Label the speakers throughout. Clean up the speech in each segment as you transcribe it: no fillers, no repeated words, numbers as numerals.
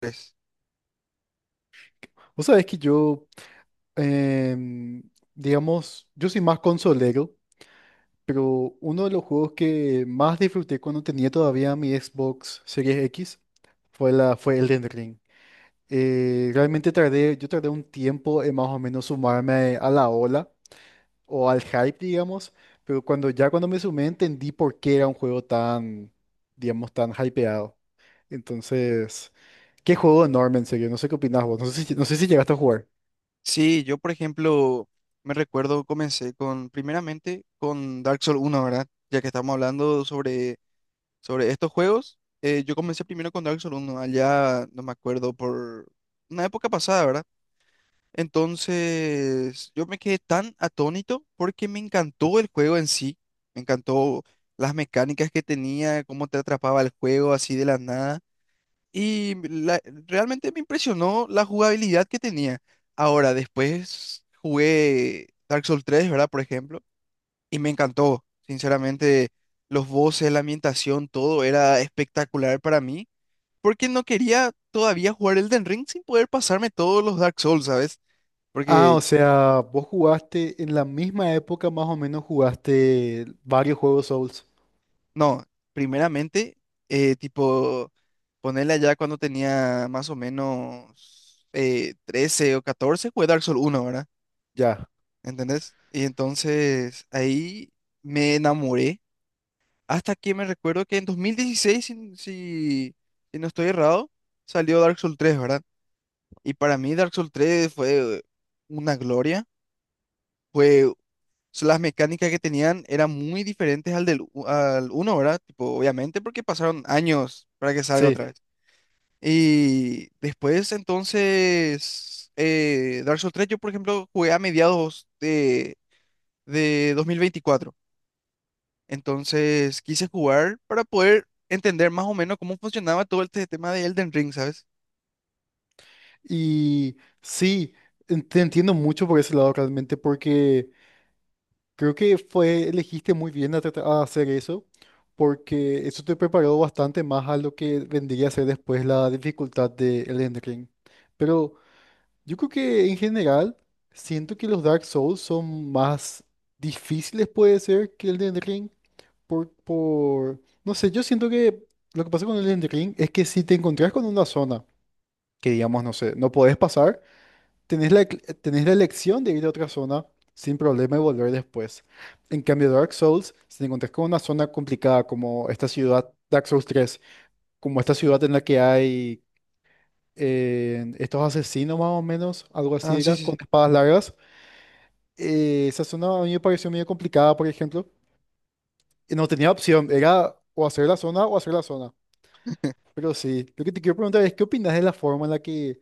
Speaker 1: Pues,
Speaker 2: Vos sabés que yo, em, digamos, yo soy más consolero, pero uno de los juegos que más disfruté cuando tenía todavía mi Xbox Series X fue Elden Ring. Yo tardé un tiempo en más o menos sumarme a la ola o al hype, digamos, pero cuando me sumé entendí por qué era un juego tan, digamos, tan hypeado. Entonces, qué juego enorme, en serio. No sé qué opinás vos. No sé si llegaste a jugar.
Speaker 1: Sí, yo por ejemplo me recuerdo comencé con, primeramente con Dark Souls uno, ¿verdad? Ya que estamos hablando sobre estos juegos, yo comencé primero con Dark Souls uno allá, no me acuerdo, por una época pasada, ¿verdad? Entonces yo me quedé tan atónito porque me encantó el juego en sí, me encantó las mecánicas que tenía, cómo te atrapaba el juego así de la nada. Y realmente me impresionó la jugabilidad que tenía. Ahora, después jugué Dark Souls tres, ¿verdad? Por ejemplo, y me encantó. Sinceramente, los voces, la ambientación, todo era espectacular para mí, porque no quería todavía jugar Elden Ring sin poder pasarme todos los Dark Souls, ¿sabes?
Speaker 2: Ah,
Speaker 1: Porque,
Speaker 2: o sea, vos jugaste en la misma época, más o menos jugaste varios juegos Souls.
Speaker 1: no, primeramente, tipo, ponerle allá cuando tenía más o menos 13 o 14, jugué Dark Souls uno, ¿verdad?
Speaker 2: Ya,
Speaker 1: ¿Entendés? Y entonces ahí me enamoré. Hasta que me recuerdo que en 2016, si no estoy errado, salió Dark Souls tres, ¿verdad? Y para mí Dark Souls tres fue una gloria. Fue, so, las mecánicas que tenían eran muy diferentes al uno, ¿verdad? Tipo, obviamente porque pasaron años para que salga
Speaker 2: sí.
Speaker 1: otra vez. Y después entonces Dark Souls tres yo por ejemplo jugué a mediados de 2024. Entonces quise jugar para poder entender más o menos cómo funcionaba todo este tema de Elden Ring, ¿sabes?
Speaker 2: Y sí, en- te entiendo mucho por ese lado realmente, porque creo que fue, elegiste muy bien a, a hacer eso, porque eso te preparó bastante más a lo que vendría a ser después la dificultad de Elden Ring. Pero yo creo que en general siento que los Dark Souls son más difíciles, puede ser, que Elden Ring. No sé, yo siento que lo que pasa con el Elden Ring es que si te encontrás con una zona que, digamos, no sé, no podés pasar, tenés la elección de ir a otra zona sin problema y volver después. En cambio, Dark Souls, si te encontrás con una zona complicada como esta ciudad, Dark Souls tres, como esta ciudad en la que hay estos asesinos más o menos, algo
Speaker 1: Ah,
Speaker 2: así
Speaker 1: sí,
Speaker 2: era,
Speaker 1: sí,
Speaker 2: con
Speaker 1: sí.
Speaker 2: espadas largas, esa zona a mí me pareció medio complicada, por ejemplo, y no tenía opción, era o hacer la zona o hacer la zona. Pero sí, lo que te quiero preguntar es, ¿qué opinas de la forma en la que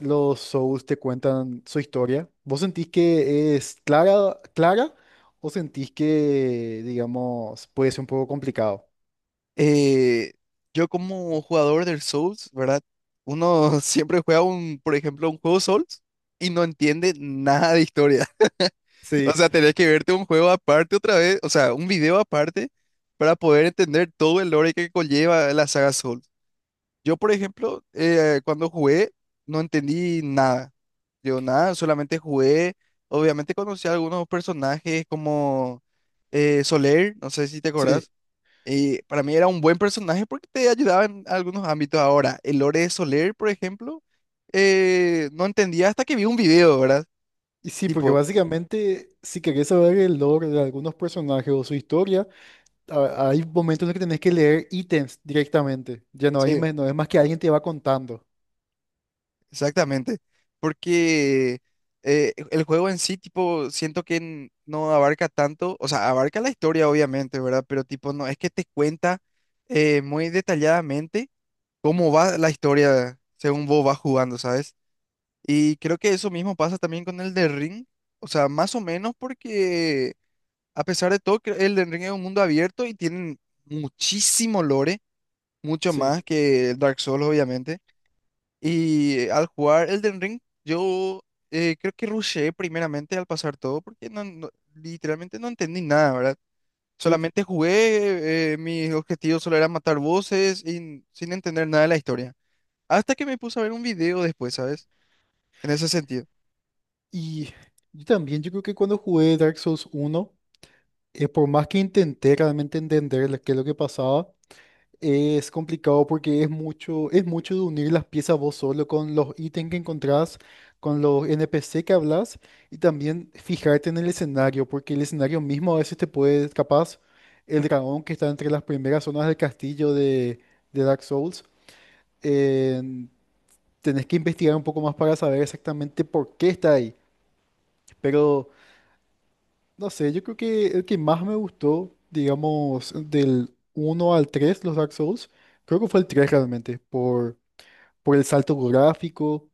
Speaker 2: los Souls te cuentan su historia? ¿Vos sentís que es clara, clara o sentís que, digamos, puede ser un poco complicado?
Speaker 1: Eh, yo como jugador del Souls, ¿verdad? Uno siempre juega un, por ejemplo, un juego Souls, y no entiende nada de historia. O
Speaker 2: Sí.
Speaker 1: sea, tenés que verte un juego aparte otra vez, o sea, un video aparte para poder entender todo el lore que conlleva la saga Souls. Yo, por ejemplo, cuando jugué, no entendí nada. Yo nada, solamente jugué. Obviamente conocí a algunos personajes como Soler, no sé si te
Speaker 2: Sí,
Speaker 1: acordás. Y para mí era un buen personaje porque te ayudaba en algunos ámbitos. Ahora, el lore de Soler, por ejemplo, no entendía hasta que vi un video, ¿verdad?
Speaker 2: y sí, porque
Speaker 1: Tipo,
Speaker 2: básicamente si querés saber el lore de algunos personajes o su historia, a- hay momentos en los que tenés que leer ítems directamente.
Speaker 1: sí.
Speaker 2: No es más que alguien te va contando.
Speaker 1: Exactamente, porque el juego en sí, tipo, siento que no abarca tanto, o sea, abarca la historia obviamente, ¿verdad? Pero tipo, no es que te cuenta muy detalladamente cómo va la historia según vos vas jugando, ¿sabes? Y creo que eso mismo pasa también con el de Ring, o sea, más o menos porque a pesar de todo, el de Ring es un mundo abierto y tienen muchísimo lore, mucho más
Speaker 2: Sí,
Speaker 1: que el Dark Souls, obviamente. Y al jugar Elden Ring, yo creo que rushé primeramente al pasar todo porque literalmente no entendí nada, ¿verdad?
Speaker 2: sí.
Speaker 1: Solamente jugué, mis objetivos solo eran matar voces y sin entender nada de la historia. Hasta que me puse a ver un video después, ¿sabes? En ese sentido.
Speaker 2: Y yo también, yo creo que cuando jugué Dark Souls 1, por más que intenté realmente entender qué es lo que pasaba, es complicado porque es mucho de unir las piezas vos solo con los ítems que encontrás, con los NPC que hablas, y también fijarte en el escenario, porque el escenario mismo a veces te puede, capaz, el dragón que está entre las primeras zonas del castillo de Dark Souls, en- tenés que investigar un poco más para saber exactamente por qué está ahí. Pero no sé, yo creo que el que más me gustó, digamos, del uno al 3 los Dark Souls, creo que fue el 3 realmente, por el salto gráfico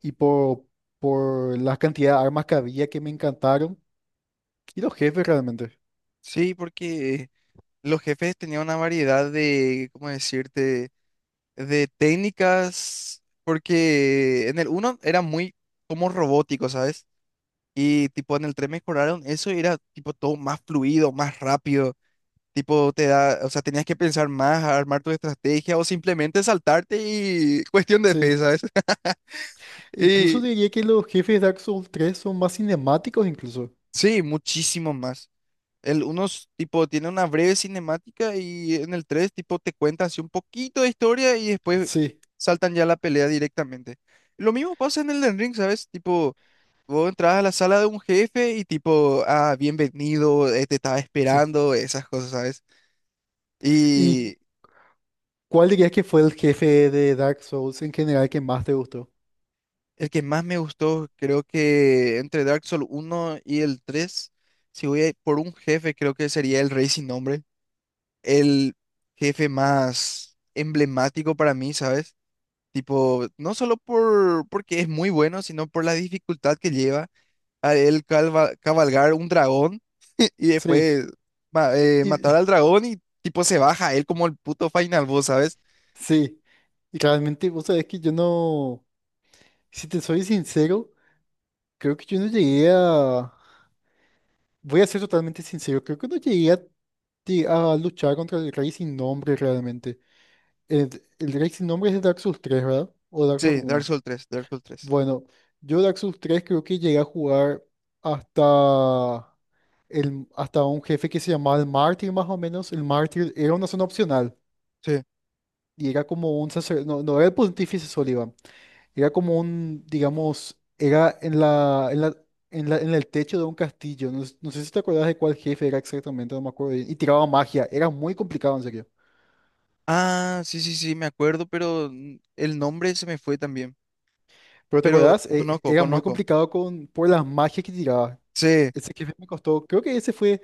Speaker 2: y por la cantidad de armas que había que me encantaron, y los jefes realmente.
Speaker 1: Sí, porque los jefes tenían una variedad de, ¿cómo decirte? De técnicas, porque en el uno era muy como robótico, ¿sabes? Y tipo en el tren mejoraron eso y era tipo todo más fluido, más rápido. Tipo te da, o sea, tenías que pensar más, armar tu estrategia o simplemente saltarte y cuestión de fe,
Speaker 2: Sí,
Speaker 1: sabes.
Speaker 2: incluso
Speaker 1: Y
Speaker 2: diría que los jefes de Dark Souls tres son más cinemáticos incluso.
Speaker 1: sí, muchísimo más. El 1 tipo tiene una breve cinemática, y en el 3 tipo te cuenta así un poquito de historia y después
Speaker 2: Sí,
Speaker 1: saltan ya a la pelea directamente. Lo mismo pasa en el Elden Ring, ¿sabes? Tipo, vos entras a la sala de un jefe y tipo, ah, bienvenido, te estaba
Speaker 2: sí.
Speaker 1: esperando, esas cosas, ¿sabes?
Speaker 2: ¿Y
Speaker 1: Y
Speaker 2: cuál dirías que fue el jefe de Dark Souls en general que más te gustó?
Speaker 1: el que más me gustó, creo que entre Dark Souls uno y el tres, si voy a ir por un jefe, creo que sería el Rey Sin Nombre, el jefe más emblemático para mí, ¿sabes? Tipo, no solo porque es muy bueno, sino por la dificultad que lleva a él cabalgar un dragón y
Speaker 2: Sí,
Speaker 1: después matar
Speaker 2: y,
Speaker 1: al dragón, y tipo se baja él como el puto final boss, ¿sabes?
Speaker 2: sí. Y realmente, vos sabés que yo no. Si te soy sincero, creo que yo no llegué a... Voy a ser totalmente sincero, creo que no llegué a, a luchar contra el Rey sin Nombre realmente. El Rey sin Nombre es de Dark Souls 3, ¿verdad? O Dark Souls
Speaker 1: Sí, Dark
Speaker 2: 1.
Speaker 1: Souls tres Dark Souls tres
Speaker 2: Bueno, yo Dark Souls 3 creo que llegué a jugar hasta, hasta un jefe que se llamaba el Mártir más o menos. El Mártir era una zona opcional
Speaker 1: Sí.
Speaker 2: y era como un sacerdote, no, no era el Pontífice Sullivan. Era como un, digamos, era en el techo de un castillo. No, no sé si te acuerdas de cuál jefe era exactamente, no me acuerdo bien. Y tiraba magia. Era muy complicado, en serio.
Speaker 1: Ah, sí, sí, sí, me acuerdo, pero el nombre se me fue también.
Speaker 2: Pero ¿te
Speaker 1: Pero
Speaker 2: acuerdas?
Speaker 1: conozco,
Speaker 2: Era muy
Speaker 1: conozco.
Speaker 2: complicado con, por las magias que tiraba.
Speaker 1: Sí,
Speaker 2: Ese jefe me costó. Creo que ese fue.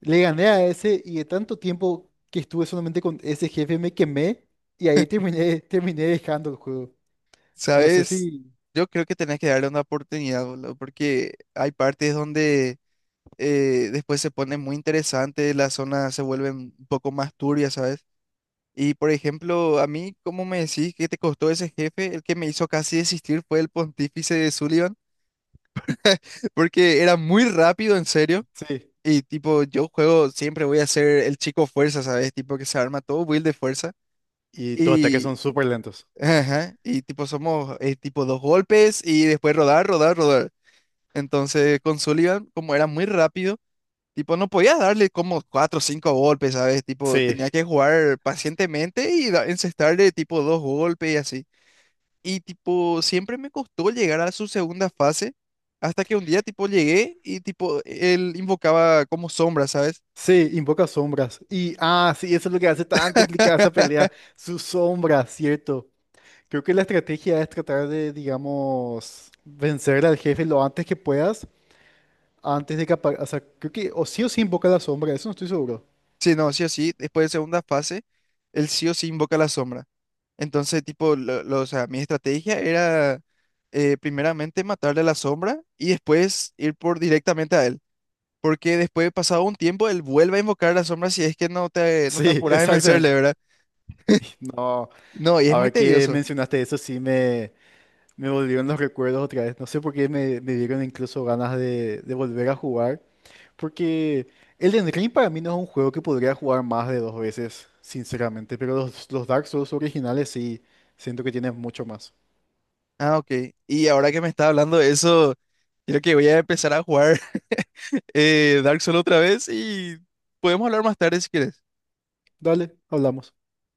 Speaker 2: Le gané a ese y de tanto tiempo que estuve solamente con ese jefe me quemé y ahí terminé, terminé dejando el juego. No sé
Speaker 1: ¿sabes?
Speaker 2: si.
Speaker 1: Yo creo que tenés que darle una oportunidad, boludo, porque hay partes donde después se pone muy interesante, las zonas se vuelven un poco más turbias, ¿sabes? Y por ejemplo, a mí, ¿cómo me decís que te costó ese jefe? El que me hizo casi desistir fue el pontífice de Sullivan, porque era muy rápido, en serio.
Speaker 2: Sí.
Speaker 1: Y tipo, yo juego, siempre voy a ser el chico fuerza, ¿sabes? Tipo que se arma todo build de fuerza.
Speaker 2: Y tus ataques
Speaker 1: Y,
Speaker 2: son súper lentos.
Speaker 1: ajá, y tipo, somos tipo dos golpes y después rodar, rodar, rodar. Entonces, con Sullivan, como era muy rápido. Tipo, no podías darle como cuatro o cinco golpes, ¿sabes? Tipo,
Speaker 2: Sí.
Speaker 1: tenía que jugar pacientemente y encestarle tipo dos golpes y así. Y tipo, siempre me costó llegar a su segunda fase hasta que un día tipo llegué y tipo, él invocaba como sombra, ¿sabes?
Speaker 2: Sí, invoca sombras. Y, ah, sí, eso es lo que hace tan complicada esa pelea. Sus sombras, ¿cierto? Creo que la estrategia es tratar de, digamos, vencer al jefe lo antes que puedas, antes de que O sea, creo que o sí invoca la sombra, eso no estoy seguro.
Speaker 1: Sí, no, sí o sí, después de segunda fase, él sí o sí invoca la sombra. Entonces, tipo, o sea, mi estrategia era primeramente matarle a la sombra y después ir por directamente a él. Porque después, pasado un tiempo, él vuelve a invocar la sombra si es que no te, no
Speaker 2: Sí,
Speaker 1: te apuras en, sí, vencerle,
Speaker 2: exactamente.
Speaker 1: ¿verdad?
Speaker 2: No,
Speaker 1: No, y es muy
Speaker 2: ahora que
Speaker 1: tedioso. Sí.
Speaker 2: mencionaste eso, me volvieron los recuerdos otra vez. No sé por qué me dieron incluso ganas de volver a jugar. Porque Elden Ring para mí no es un juego que podría jugar más de dos veces, sinceramente, pero los Dark Souls originales sí, siento que tienen mucho más.
Speaker 1: Ah, ok. Y ahora que me está hablando de eso, creo que voy a empezar a jugar Dark Souls otra vez y podemos hablar más tarde si quieres.
Speaker 2: Dale, hablamos.